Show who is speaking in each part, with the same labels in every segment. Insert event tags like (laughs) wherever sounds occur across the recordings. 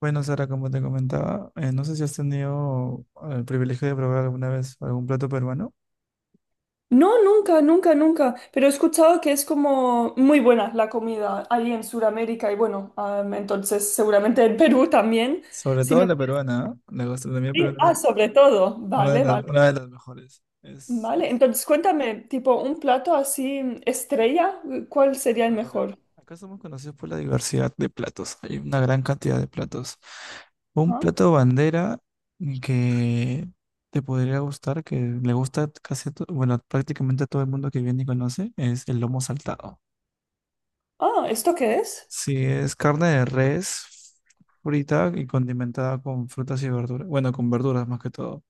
Speaker 1: Bueno, Sara, como te comentaba, no sé si has tenido el privilegio de probar alguna vez algún plato peruano,
Speaker 2: No, nunca, nunca, nunca. Pero he escuchado que es como muy buena la comida ahí en Sudamérica y bueno, entonces seguramente en Perú también.
Speaker 1: sobre
Speaker 2: Si
Speaker 1: todo
Speaker 2: me...
Speaker 1: la peruana, ¿ah? La gastronomía
Speaker 2: Sí,
Speaker 1: peruana es
Speaker 2: ah, sobre todo. Vale, vale,
Speaker 1: una de las mejores. Es,
Speaker 2: vale. Entonces cuéntame, tipo un plato así estrella, ¿cuál sería el
Speaker 1: a ver,
Speaker 2: mejor?
Speaker 1: acá somos conocidos por la diversidad de platos, hay una gran cantidad de platos. Un
Speaker 2: Ah,
Speaker 1: plato bandera que te podría gustar, que le gusta casi, bueno, prácticamente a todo el mundo que viene y conoce, es el lomo saltado.
Speaker 2: ah, ¿esto qué es?
Speaker 1: Sí, es carne de res frita y condimentada con frutas y verduras. Bueno, con verduras más que todo.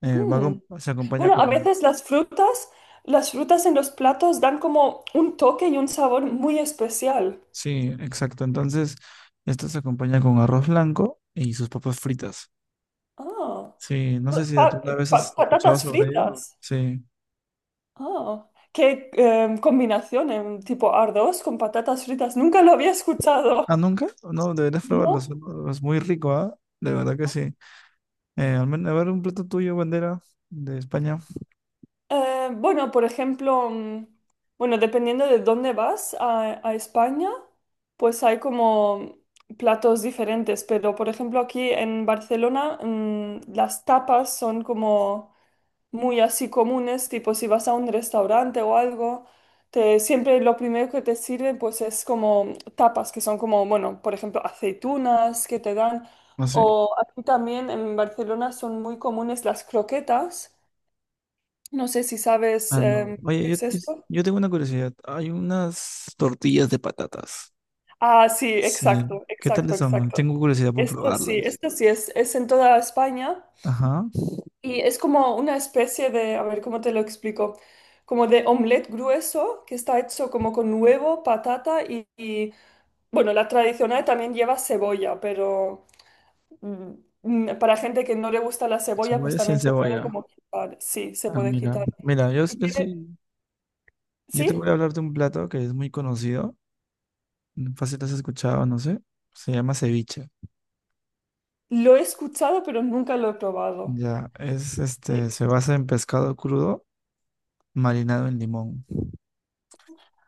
Speaker 2: Mm.
Speaker 1: Se acompaña
Speaker 2: Bueno, a
Speaker 1: con...
Speaker 2: veces las frutas en los platos dan como un toque y un sabor muy especial.
Speaker 1: Sí, exacto. Entonces, esto se acompaña con arroz blanco y sus papas fritas.
Speaker 2: Ah,
Speaker 1: Sí, no sé si
Speaker 2: pa-
Speaker 1: alguna vez has escuchado
Speaker 2: patatas
Speaker 1: sobre ello.
Speaker 2: fritas.
Speaker 1: Sí.
Speaker 2: Ah, qué combinación tipo arroz con patatas fritas. Nunca lo había escuchado.
Speaker 1: ¿Ah, nunca? No, deberías probarlo.
Speaker 2: ¿No?
Speaker 1: Es muy rico, ¿ah? De verdad que sí. Al menos, a ver, un plato tuyo, bandera de España.
Speaker 2: Bueno, por ejemplo, bueno, dependiendo de dónde vas a España, pues hay como platos diferentes. Pero, por ejemplo, aquí en Barcelona, las tapas son como muy así comunes, tipo si vas a un restaurante o algo, siempre lo primero que te sirven pues es como tapas, que son como, bueno, por ejemplo, aceitunas que te dan,
Speaker 1: ¿Ah, sí?
Speaker 2: o aquí también en Barcelona son muy comunes las croquetas, no sé si sabes
Speaker 1: Ah, no.
Speaker 2: lo
Speaker 1: Oye,
Speaker 2: que
Speaker 1: yo,
Speaker 2: es
Speaker 1: yo
Speaker 2: esto.
Speaker 1: yo tengo una curiosidad. Hay unas tortillas de patatas.
Speaker 2: Ah, sí,
Speaker 1: Sí.
Speaker 2: exacto,
Speaker 1: ¿Qué tal
Speaker 2: exacto,
Speaker 1: están?
Speaker 2: exacto.
Speaker 1: Tengo curiosidad por probarlas.
Speaker 2: Esto sí es en toda España.
Speaker 1: Ajá.
Speaker 2: Y es como una especie de, a ver, ¿cómo te lo explico? Como de omelette grueso que está hecho como con huevo, patata y, bueno, la tradicional también lleva cebolla, pero mm, para gente que no le gusta la cebolla, pues
Speaker 1: Cebolla sin
Speaker 2: también se puede
Speaker 1: cebolla.
Speaker 2: como quitar. Sí, se
Speaker 1: Ah,
Speaker 2: puede
Speaker 1: mira.
Speaker 2: quitar.
Speaker 1: Mira, yo,
Speaker 2: Y
Speaker 1: yo
Speaker 2: tiene,
Speaker 1: sí. Yo te
Speaker 2: sí,
Speaker 1: voy a hablar de un plato que es muy conocido. Fácil has escuchado, no sé. Se llama ceviche.
Speaker 2: lo he escuchado, pero nunca lo he probado.
Speaker 1: Ya, es este,
Speaker 2: Sí.
Speaker 1: se basa en pescado crudo marinado en limón.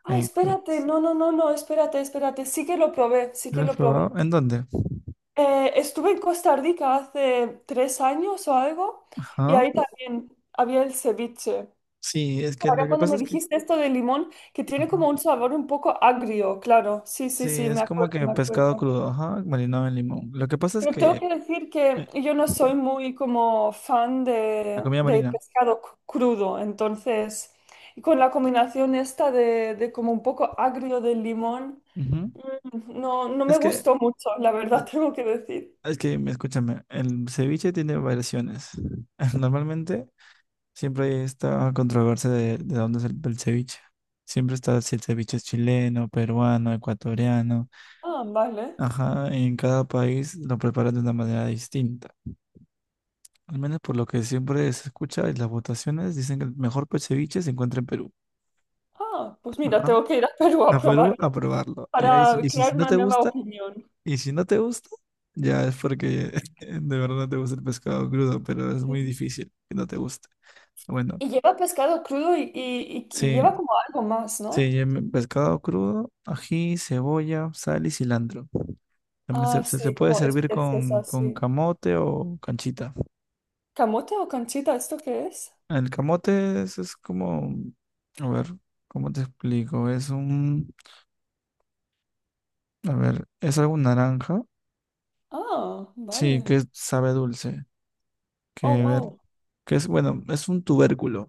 Speaker 2: Ah,
Speaker 1: Eh,
Speaker 2: espérate,
Speaker 1: pues,
Speaker 2: no, no, no, no, espérate, espérate. Sí que lo probé, sí
Speaker 1: ¿Lo
Speaker 2: que
Speaker 1: has
Speaker 2: lo probé.
Speaker 1: probado? ¿En dónde?
Speaker 2: Estuve en Costa Rica hace 3 años o algo y
Speaker 1: Ajá.
Speaker 2: ahí también había el ceviche.
Speaker 1: Sí, es que
Speaker 2: Ahora
Speaker 1: lo que
Speaker 2: cuando
Speaker 1: pasa
Speaker 2: me
Speaker 1: es que.
Speaker 2: dijiste esto de limón, que tiene
Speaker 1: Ajá.
Speaker 2: como un sabor un poco agrio, claro. Sí, sí,
Speaker 1: Sí,
Speaker 2: sí,
Speaker 1: es
Speaker 2: me
Speaker 1: como
Speaker 2: acuerdo,
Speaker 1: que
Speaker 2: me
Speaker 1: pescado
Speaker 2: acuerdo.
Speaker 1: crudo, ajá, marinado en limón. Lo que pasa es
Speaker 2: Pero tengo
Speaker 1: que
Speaker 2: que decir que
Speaker 1: eh,
Speaker 2: yo no soy muy como fan
Speaker 1: la
Speaker 2: de,
Speaker 1: comida
Speaker 2: de
Speaker 1: marina.
Speaker 2: pescado crudo, entonces, y con la combinación esta de como un poco agrio del limón,
Speaker 1: Ujú.
Speaker 2: no, no me
Speaker 1: Es que
Speaker 2: gustó mucho, la verdad (laughs) tengo que decir.
Speaker 1: Es que, escúchame, el ceviche tiene variaciones. (laughs) Normalmente siempre hay esta controversia de dónde es el ceviche. Siempre está si el ceviche es chileno, peruano, ecuatoriano.
Speaker 2: Ah, vale.
Speaker 1: Ajá, en cada país lo preparan de una manera distinta. Al menos por lo que siempre se escucha en las votaciones, dicen que el mejor ceviche se encuentra en Perú.
Speaker 2: Ah, pues mira,
Speaker 1: Ajá.
Speaker 2: tengo que ir a Perú a
Speaker 1: A Perú
Speaker 2: probarlo
Speaker 1: a probarlo. Y ahí,
Speaker 2: para
Speaker 1: y si
Speaker 2: crear
Speaker 1: si no
Speaker 2: una
Speaker 1: te
Speaker 2: nueva
Speaker 1: gusta,
Speaker 2: opinión.
Speaker 1: y si no te gusta, ya es porque (laughs) de verdad no te gusta el pescado crudo, pero es muy difícil que no te guste. Bueno,
Speaker 2: Y lleva pescado crudo y
Speaker 1: sí,
Speaker 2: lleva como algo más,
Speaker 1: sí,
Speaker 2: ¿no?
Speaker 1: pescado crudo, ají, cebolla, sal y cilantro. También
Speaker 2: Ah,
Speaker 1: se
Speaker 2: sí,
Speaker 1: puede
Speaker 2: como
Speaker 1: servir
Speaker 2: especies
Speaker 1: con
Speaker 2: así.
Speaker 1: camote o canchita.
Speaker 2: ¿Camote o canchita? ¿Esto qué es?
Speaker 1: El camote es como, a ver, ¿cómo te explico? Es un, a ver, es algo naranja,
Speaker 2: Ah,
Speaker 1: sí,
Speaker 2: vale.
Speaker 1: que sabe a dulce,
Speaker 2: Oh,
Speaker 1: que
Speaker 2: wow.
Speaker 1: que es, bueno, es un tubérculo.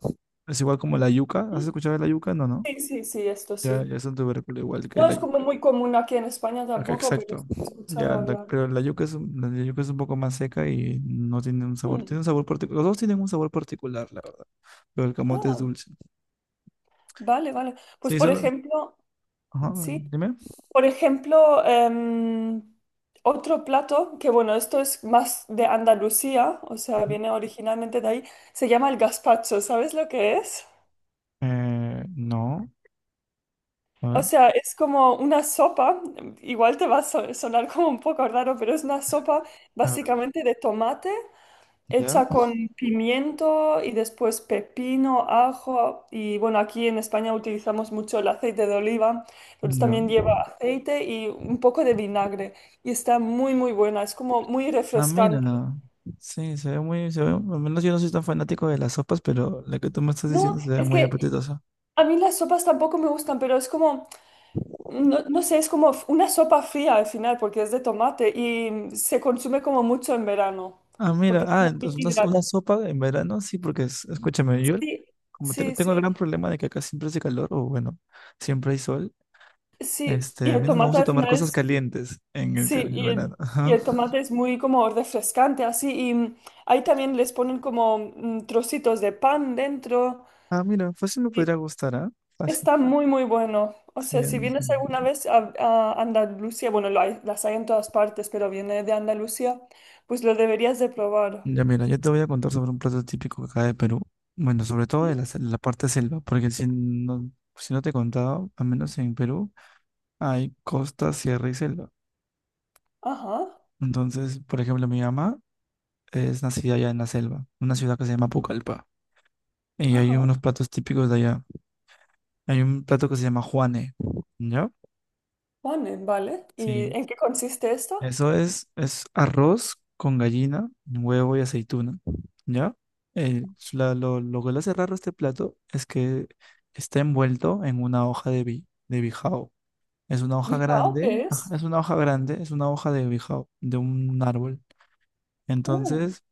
Speaker 1: Es igual como la yuca. ¿Has escuchado de la yuca? No, no.
Speaker 2: Sí, sí, sí, esto
Speaker 1: Ya,
Speaker 2: sí.
Speaker 1: ya es un tubérculo igual que
Speaker 2: No
Speaker 1: la
Speaker 2: es como
Speaker 1: yuca.
Speaker 2: muy común aquí en España
Speaker 1: Acá
Speaker 2: tampoco, pero
Speaker 1: exacto.
Speaker 2: sí he
Speaker 1: Ya,
Speaker 2: escuchado hablar.
Speaker 1: pero la yuca es, la yuca es un poco más seca y no tiene un sabor.
Speaker 2: Hmm.
Speaker 1: Tiene un sabor particular. Los dos tienen un sabor particular, la verdad. Pero el camote es
Speaker 2: Ah,
Speaker 1: dulce.
Speaker 2: vale, vale. Pues
Speaker 1: Sí,
Speaker 2: por
Speaker 1: solo.
Speaker 2: ejemplo,
Speaker 1: Ajá,
Speaker 2: sí.
Speaker 1: dime.
Speaker 2: Por ejemplo, otro plato, que bueno, esto es más de Andalucía, o sea,
Speaker 1: Ujú.
Speaker 2: viene originalmente de ahí, se llama el gazpacho, ¿sabes lo que es?
Speaker 1: No. A
Speaker 2: O
Speaker 1: ver,
Speaker 2: sea, es como una sopa, igual te va a sonar como un poco raro, pero es una sopa
Speaker 1: a ver.
Speaker 2: básicamente de tomate,
Speaker 1: Ya.
Speaker 2: hecha con pimiento y después pepino, ajo y bueno, aquí en España utilizamos mucho el aceite de oliva, entonces
Speaker 1: Ya.
Speaker 2: también lleva aceite y un poco de vinagre y está muy muy buena, es como muy
Speaker 1: Ah, mira.
Speaker 2: refrescante.
Speaker 1: No. Sí, se ve muy, se ve, al menos yo no soy tan fanático de las sopas, pero la que tú me estás
Speaker 2: No,
Speaker 1: diciendo se ve
Speaker 2: es
Speaker 1: muy
Speaker 2: que
Speaker 1: apetitosa.
Speaker 2: a mí las sopas tampoco me gustan, pero es como, no, no sé, es como una sopa fría al final porque es de tomate y se consume como mucho en verano
Speaker 1: Ah, mira,
Speaker 2: porque es
Speaker 1: ah,
Speaker 2: muy
Speaker 1: entonces
Speaker 2: hidratante.
Speaker 1: una sopa en verano, sí, porque escúchame, yo
Speaker 2: Sí,
Speaker 1: como
Speaker 2: sí,
Speaker 1: tengo el
Speaker 2: sí.
Speaker 1: gran problema de que acá siempre hace calor, o bueno, siempre hay sol,
Speaker 2: Sí, y
Speaker 1: este, a
Speaker 2: el
Speaker 1: mí no me
Speaker 2: tomate
Speaker 1: gusta
Speaker 2: al
Speaker 1: tomar
Speaker 2: final
Speaker 1: cosas
Speaker 2: es
Speaker 1: calientes en
Speaker 2: sí,
Speaker 1: en
Speaker 2: y
Speaker 1: el
Speaker 2: el,
Speaker 1: verano.
Speaker 2: y
Speaker 1: Ajá.
Speaker 2: el tomate es muy como refrescante, así. Y ahí también les ponen como trocitos de pan dentro.
Speaker 1: Ah, mira, fácil me podría
Speaker 2: Y
Speaker 1: gustar, ¿ah? Fácil.
Speaker 2: está muy, muy bueno. O
Speaker 1: Sí,
Speaker 2: sea, si
Speaker 1: Ángel.
Speaker 2: vienes alguna vez a Andalucía, bueno, las hay en todas partes, pero viene de Andalucía, pues lo deberías de probar.
Speaker 1: Ya mira, yo te voy a contar sobre un plato típico acá de Perú, bueno, sobre todo de
Speaker 2: Ujú.
Speaker 1: la parte selva, porque si no, si no te he contado, al menos en Perú, hay costa, sierra y selva.
Speaker 2: Ajá,
Speaker 1: Entonces, por ejemplo, mi mamá es nacida allá en la selva, una ciudad que se llama Pucallpa. Y hay
Speaker 2: ajá.
Speaker 1: unos platos típicos de allá. Hay un plato que se llama Juane, ¿ya?
Speaker 2: Vale, vale. ¿Y
Speaker 1: Sí,
Speaker 2: en qué consiste esto?
Speaker 1: es arroz con gallina, huevo y aceituna, ¿ya? Lo que lo hace raro este plato es que está envuelto en una hoja de bijao. Es una hoja
Speaker 2: ¿Bijao qué
Speaker 1: grande,
Speaker 2: es?
Speaker 1: ajá, es una hoja grande, es una hoja de bijao, de un árbol.
Speaker 2: Mm.
Speaker 1: Entonces,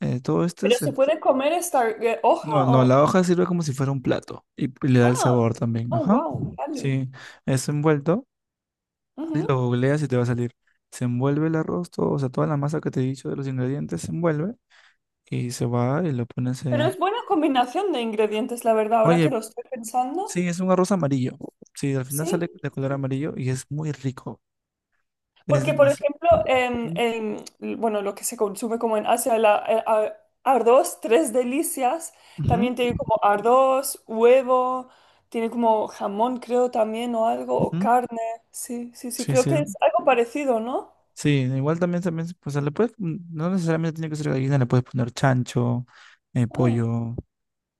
Speaker 1: todo esto
Speaker 2: ¿Pero
Speaker 1: es
Speaker 2: se puede comer esta hoja
Speaker 1: no, no,
Speaker 2: o...?
Speaker 1: la hoja sirve como si fuera un plato y le da el
Speaker 2: Ah,
Speaker 1: sabor también.
Speaker 2: oh,
Speaker 1: Ajá.
Speaker 2: wow, vale.
Speaker 1: Sí, es envuelto. Y
Speaker 2: Ujú.
Speaker 1: lo googleas y te va a salir. Se envuelve el arroz, todo, o sea, toda la masa que te he dicho de los ingredientes se envuelve y se va y lo pones
Speaker 2: Pero
Speaker 1: a...
Speaker 2: es buena combinación de ingredientes, la verdad, ahora que
Speaker 1: Oye,
Speaker 2: lo estoy pensando.
Speaker 1: sí, es un arroz amarillo. Sí, al final
Speaker 2: Sí,
Speaker 1: sale de color
Speaker 2: sí.
Speaker 1: amarillo y es muy rico. Es
Speaker 2: Porque, por
Speaker 1: demasiado.
Speaker 2: ejemplo,
Speaker 1: Ujú,
Speaker 2: bueno, lo que se consume como en Asia, arroz, tres delicias, también tiene como arroz, huevo, tiene como jamón, creo también, o algo, o
Speaker 1: ujú.
Speaker 2: carne. Sí, sí, sí,
Speaker 1: Sí,
Speaker 2: creo
Speaker 1: sí.
Speaker 2: que es algo parecido, ¿no?
Speaker 1: Sí, igual también, también, pues le puedes, no necesariamente tiene que ser gallina, le puedes poner chancho,
Speaker 2: Ah,
Speaker 1: pollo,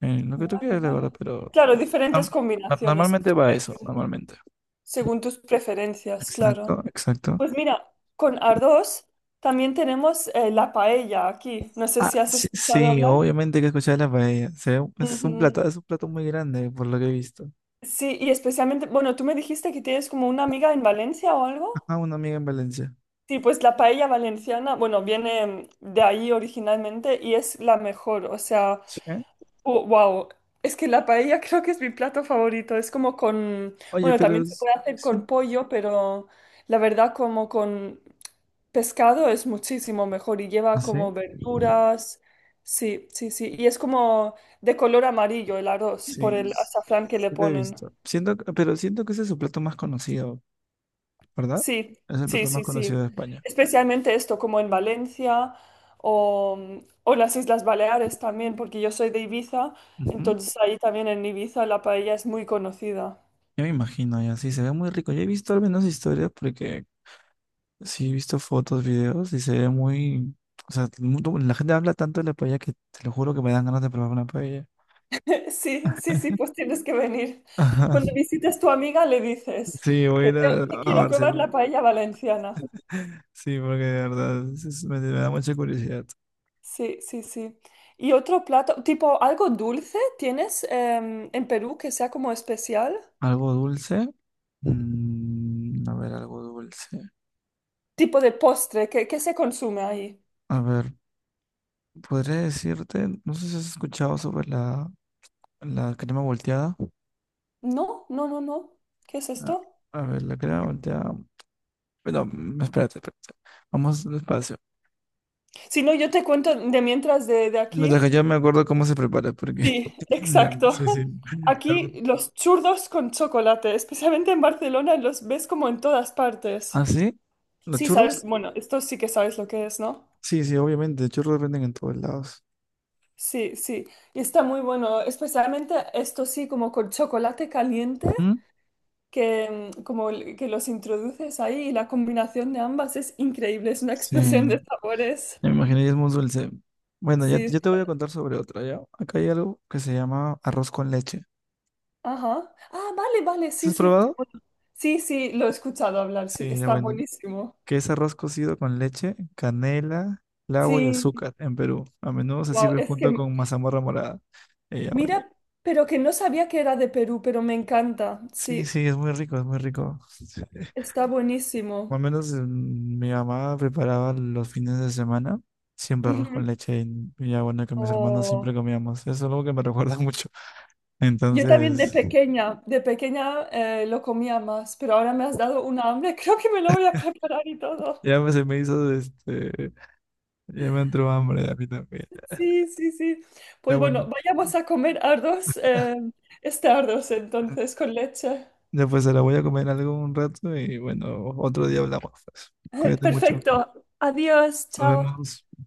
Speaker 1: lo que tú
Speaker 2: vale,
Speaker 1: quieras, la verdad,
Speaker 2: vale.
Speaker 1: pero
Speaker 2: Claro, diferentes
Speaker 1: Norm-
Speaker 2: combinaciones,
Speaker 1: Normalmente va eso, normalmente.
Speaker 2: según tus preferencias, claro.
Speaker 1: Exacto, exacto.
Speaker 2: Pues mira, con arroz también tenemos la paella aquí. No sé
Speaker 1: Ah,
Speaker 2: si has
Speaker 1: sí,
Speaker 2: escuchado
Speaker 1: sí,
Speaker 2: hablar.
Speaker 1: obviamente hay que escuchar la paella. Es un plato,
Speaker 2: Ujú.
Speaker 1: es un plato muy grande, por lo que he visto.
Speaker 2: Sí, y especialmente, bueno, tú me dijiste que tienes como una amiga en Valencia o algo.
Speaker 1: Ajá, una amiga en Valencia.
Speaker 2: Sí, pues la paella valenciana, bueno, viene de ahí originalmente y es la mejor. O sea,
Speaker 1: Sí.
Speaker 2: wow. Es que la paella creo que es mi plato favorito. Es como con,
Speaker 1: Oye,
Speaker 2: bueno, también se puede hacer con
Speaker 1: sí-
Speaker 2: pollo, pero la verdad como con pescado es muchísimo mejor y
Speaker 1: ¿ah,
Speaker 2: lleva
Speaker 1: sí?
Speaker 2: como verduras. Sí, sí, sí. Y es como de color amarillo el arroz por
Speaker 1: Sí,
Speaker 2: el azafrán que le
Speaker 1: sí lo he
Speaker 2: ponen.
Speaker 1: visto. Siento, pero siento que ese es su plato más conocido, ¿verdad?
Speaker 2: Sí,
Speaker 1: Es el
Speaker 2: sí,
Speaker 1: plato más
Speaker 2: sí, sí.
Speaker 1: conocido de España.
Speaker 2: Especialmente esto, como en Valencia o, o las Islas Baleares también, porque yo soy de Ibiza,
Speaker 1: Ujú.
Speaker 2: entonces ahí también en Ibiza la paella es muy conocida.
Speaker 1: Yo me imagino, ya sí, se ve muy rico. Yo he visto al menos historias porque sí, he visto fotos, videos y se ve muy... O sea, la gente habla tanto de la paella que te lo juro que me dan ganas de probar una paella.
Speaker 2: (laughs) Sí, sí, sí, pues tienes que venir.
Speaker 1: (laughs) Ajá.
Speaker 2: Cuando visites tu amiga le dices
Speaker 1: Sí, voy a
Speaker 2: que,
Speaker 1: ir
Speaker 2: te- que
Speaker 1: a
Speaker 2: quiero probar
Speaker 1: Barcelona.
Speaker 2: la paella valenciana.
Speaker 1: Sí, porque de verdad me da mucha curiosidad.
Speaker 2: Sí, sí, sí. ¿Y otro plato, tipo algo dulce tienes en Perú que sea como especial?
Speaker 1: ¿Algo dulce? Mm, a ver, algo dulce.
Speaker 2: Tipo de postre, ¿qué se consume ahí?
Speaker 1: A ver, podría decirte, no sé si has escuchado sobre la crema volteada.
Speaker 2: No, no, no, no. ¿Qué es
Speaker 1: Ah,
Speaker 2: esto?
Speaker 1: a ver, la crema volteada. Pero, espérate. Vamos despacio.
Speaker 2: Si no, yo te cuento de mientras de aquí.
Speaker 1: Mientras que yo me acuerdo cómo se prepara, porque...
Speaker 2: Sí,
Speaker 1: (laughs) Ya,
Speaker 2: exacto.
Speaker 1: sí, sí.
Speaker 2: (laughs) Aquí los churros con chocolate, especialmente en Barcelona, los ves como en todas
Speaker 1: ¿Ah,
Speaker 2: partes.
Speaker 1: sí? ¿Los
Speaker 2: Sí, sabes,
Speaker 1: churros?
Speaker 2: bueno, esto sí que sabes lo que es, ¿no?
Speaker 1: Sí, sí, obviamente. Churros venden en todos lados.
Speaker 2: Sí, sí. Y está muy bueno, especialmente esto sí, como con chocolate caliente,
Speaker 1: ¿Mm?
Speaker 2: que como que los introduces ahí y la combinación de ambas es increíble, es una (laughs) explosión
Speaker 1: Sí,
Speaker 2: de sabores.
Speaker 1: me imaginé, y es muy dulce. Bueno, ya,
Speaker 2: Sí,
Speaker 1: yo te voy a contar sobre otra, ¿ya? Acá hay algo que se llama arroz con leche.
Speaker 2: ajá. Ah, vale, vale,
Speaker 1: ¿Sí?
Speaker 2: sí,
Speaker 1: ¿Has
Speaker 2: sí.
Speaker 1: probado?
Speaker 2: Bueno, sí, sí, lo he escuchado hablar, sí,
Speaker 1: Sí, ya
Speaker 2: está
Speaker 1: bueno.
Speaker 2: buenísimo.
Speaker 1: Que es arroz cocido con leche, canela, clavo y
Speaker 2: Sí,
Speaker 1: azúcar en Perú. A menudo se
Speaker 2: wow,
Speaker 1: sirve
Speaker 2: es
Speaker 1: junto
Speaker 2: que
Speaker 1: con mazamorra morada. Y ya bueno.
Speaker 2: mira, pero que no sabía que era de Perú, pero me encanta,
Speaker 1: Sí,
Speaker 2: sí,
Speaker 1: sí, es muy rico, es muy rico.
Speaker 2: está buenísimo.
Speaker 1: Al menos mi mamá preparaba los fines de semana siempre arroz
Speaker 2: Ujú.
Speaker 1: con leche y ya bueno, que mis hermanos siempre
Speaker 2: Oh.
Speaker 1: comíamos. Eso es algo que me (laughs) recuerda mucho.
Speaker 2: Yo también de
Speaker 1: Entonces,
Speaker 2: pequeña, de pequeña lo comía más, pero ahora me has dado una hambre, (laughs) creo que me lo voy a preparar y todo.
Speaker 1: se me hizo, este, ya me entró hambre a mí también.
Speaker 2: Sí, sí, sí.
Speaker 1: Ya
Speaker 2: Pues bueno,
Speaker 1: bueno,
Speaker 2: vayamos a comer arroz, este arroz entonces con leche.
Speaker 1: ya pues se la voy a comer algo un rato y bueno, otro día hablamos, pues.
Speaker 2: (laughs)
Speaker 1: Cuídate mucho.
Speaker 2: Perfecto. Adiós,
Speaker 1: Nos
Speaker 2: chao.
Speaker 1: vemos.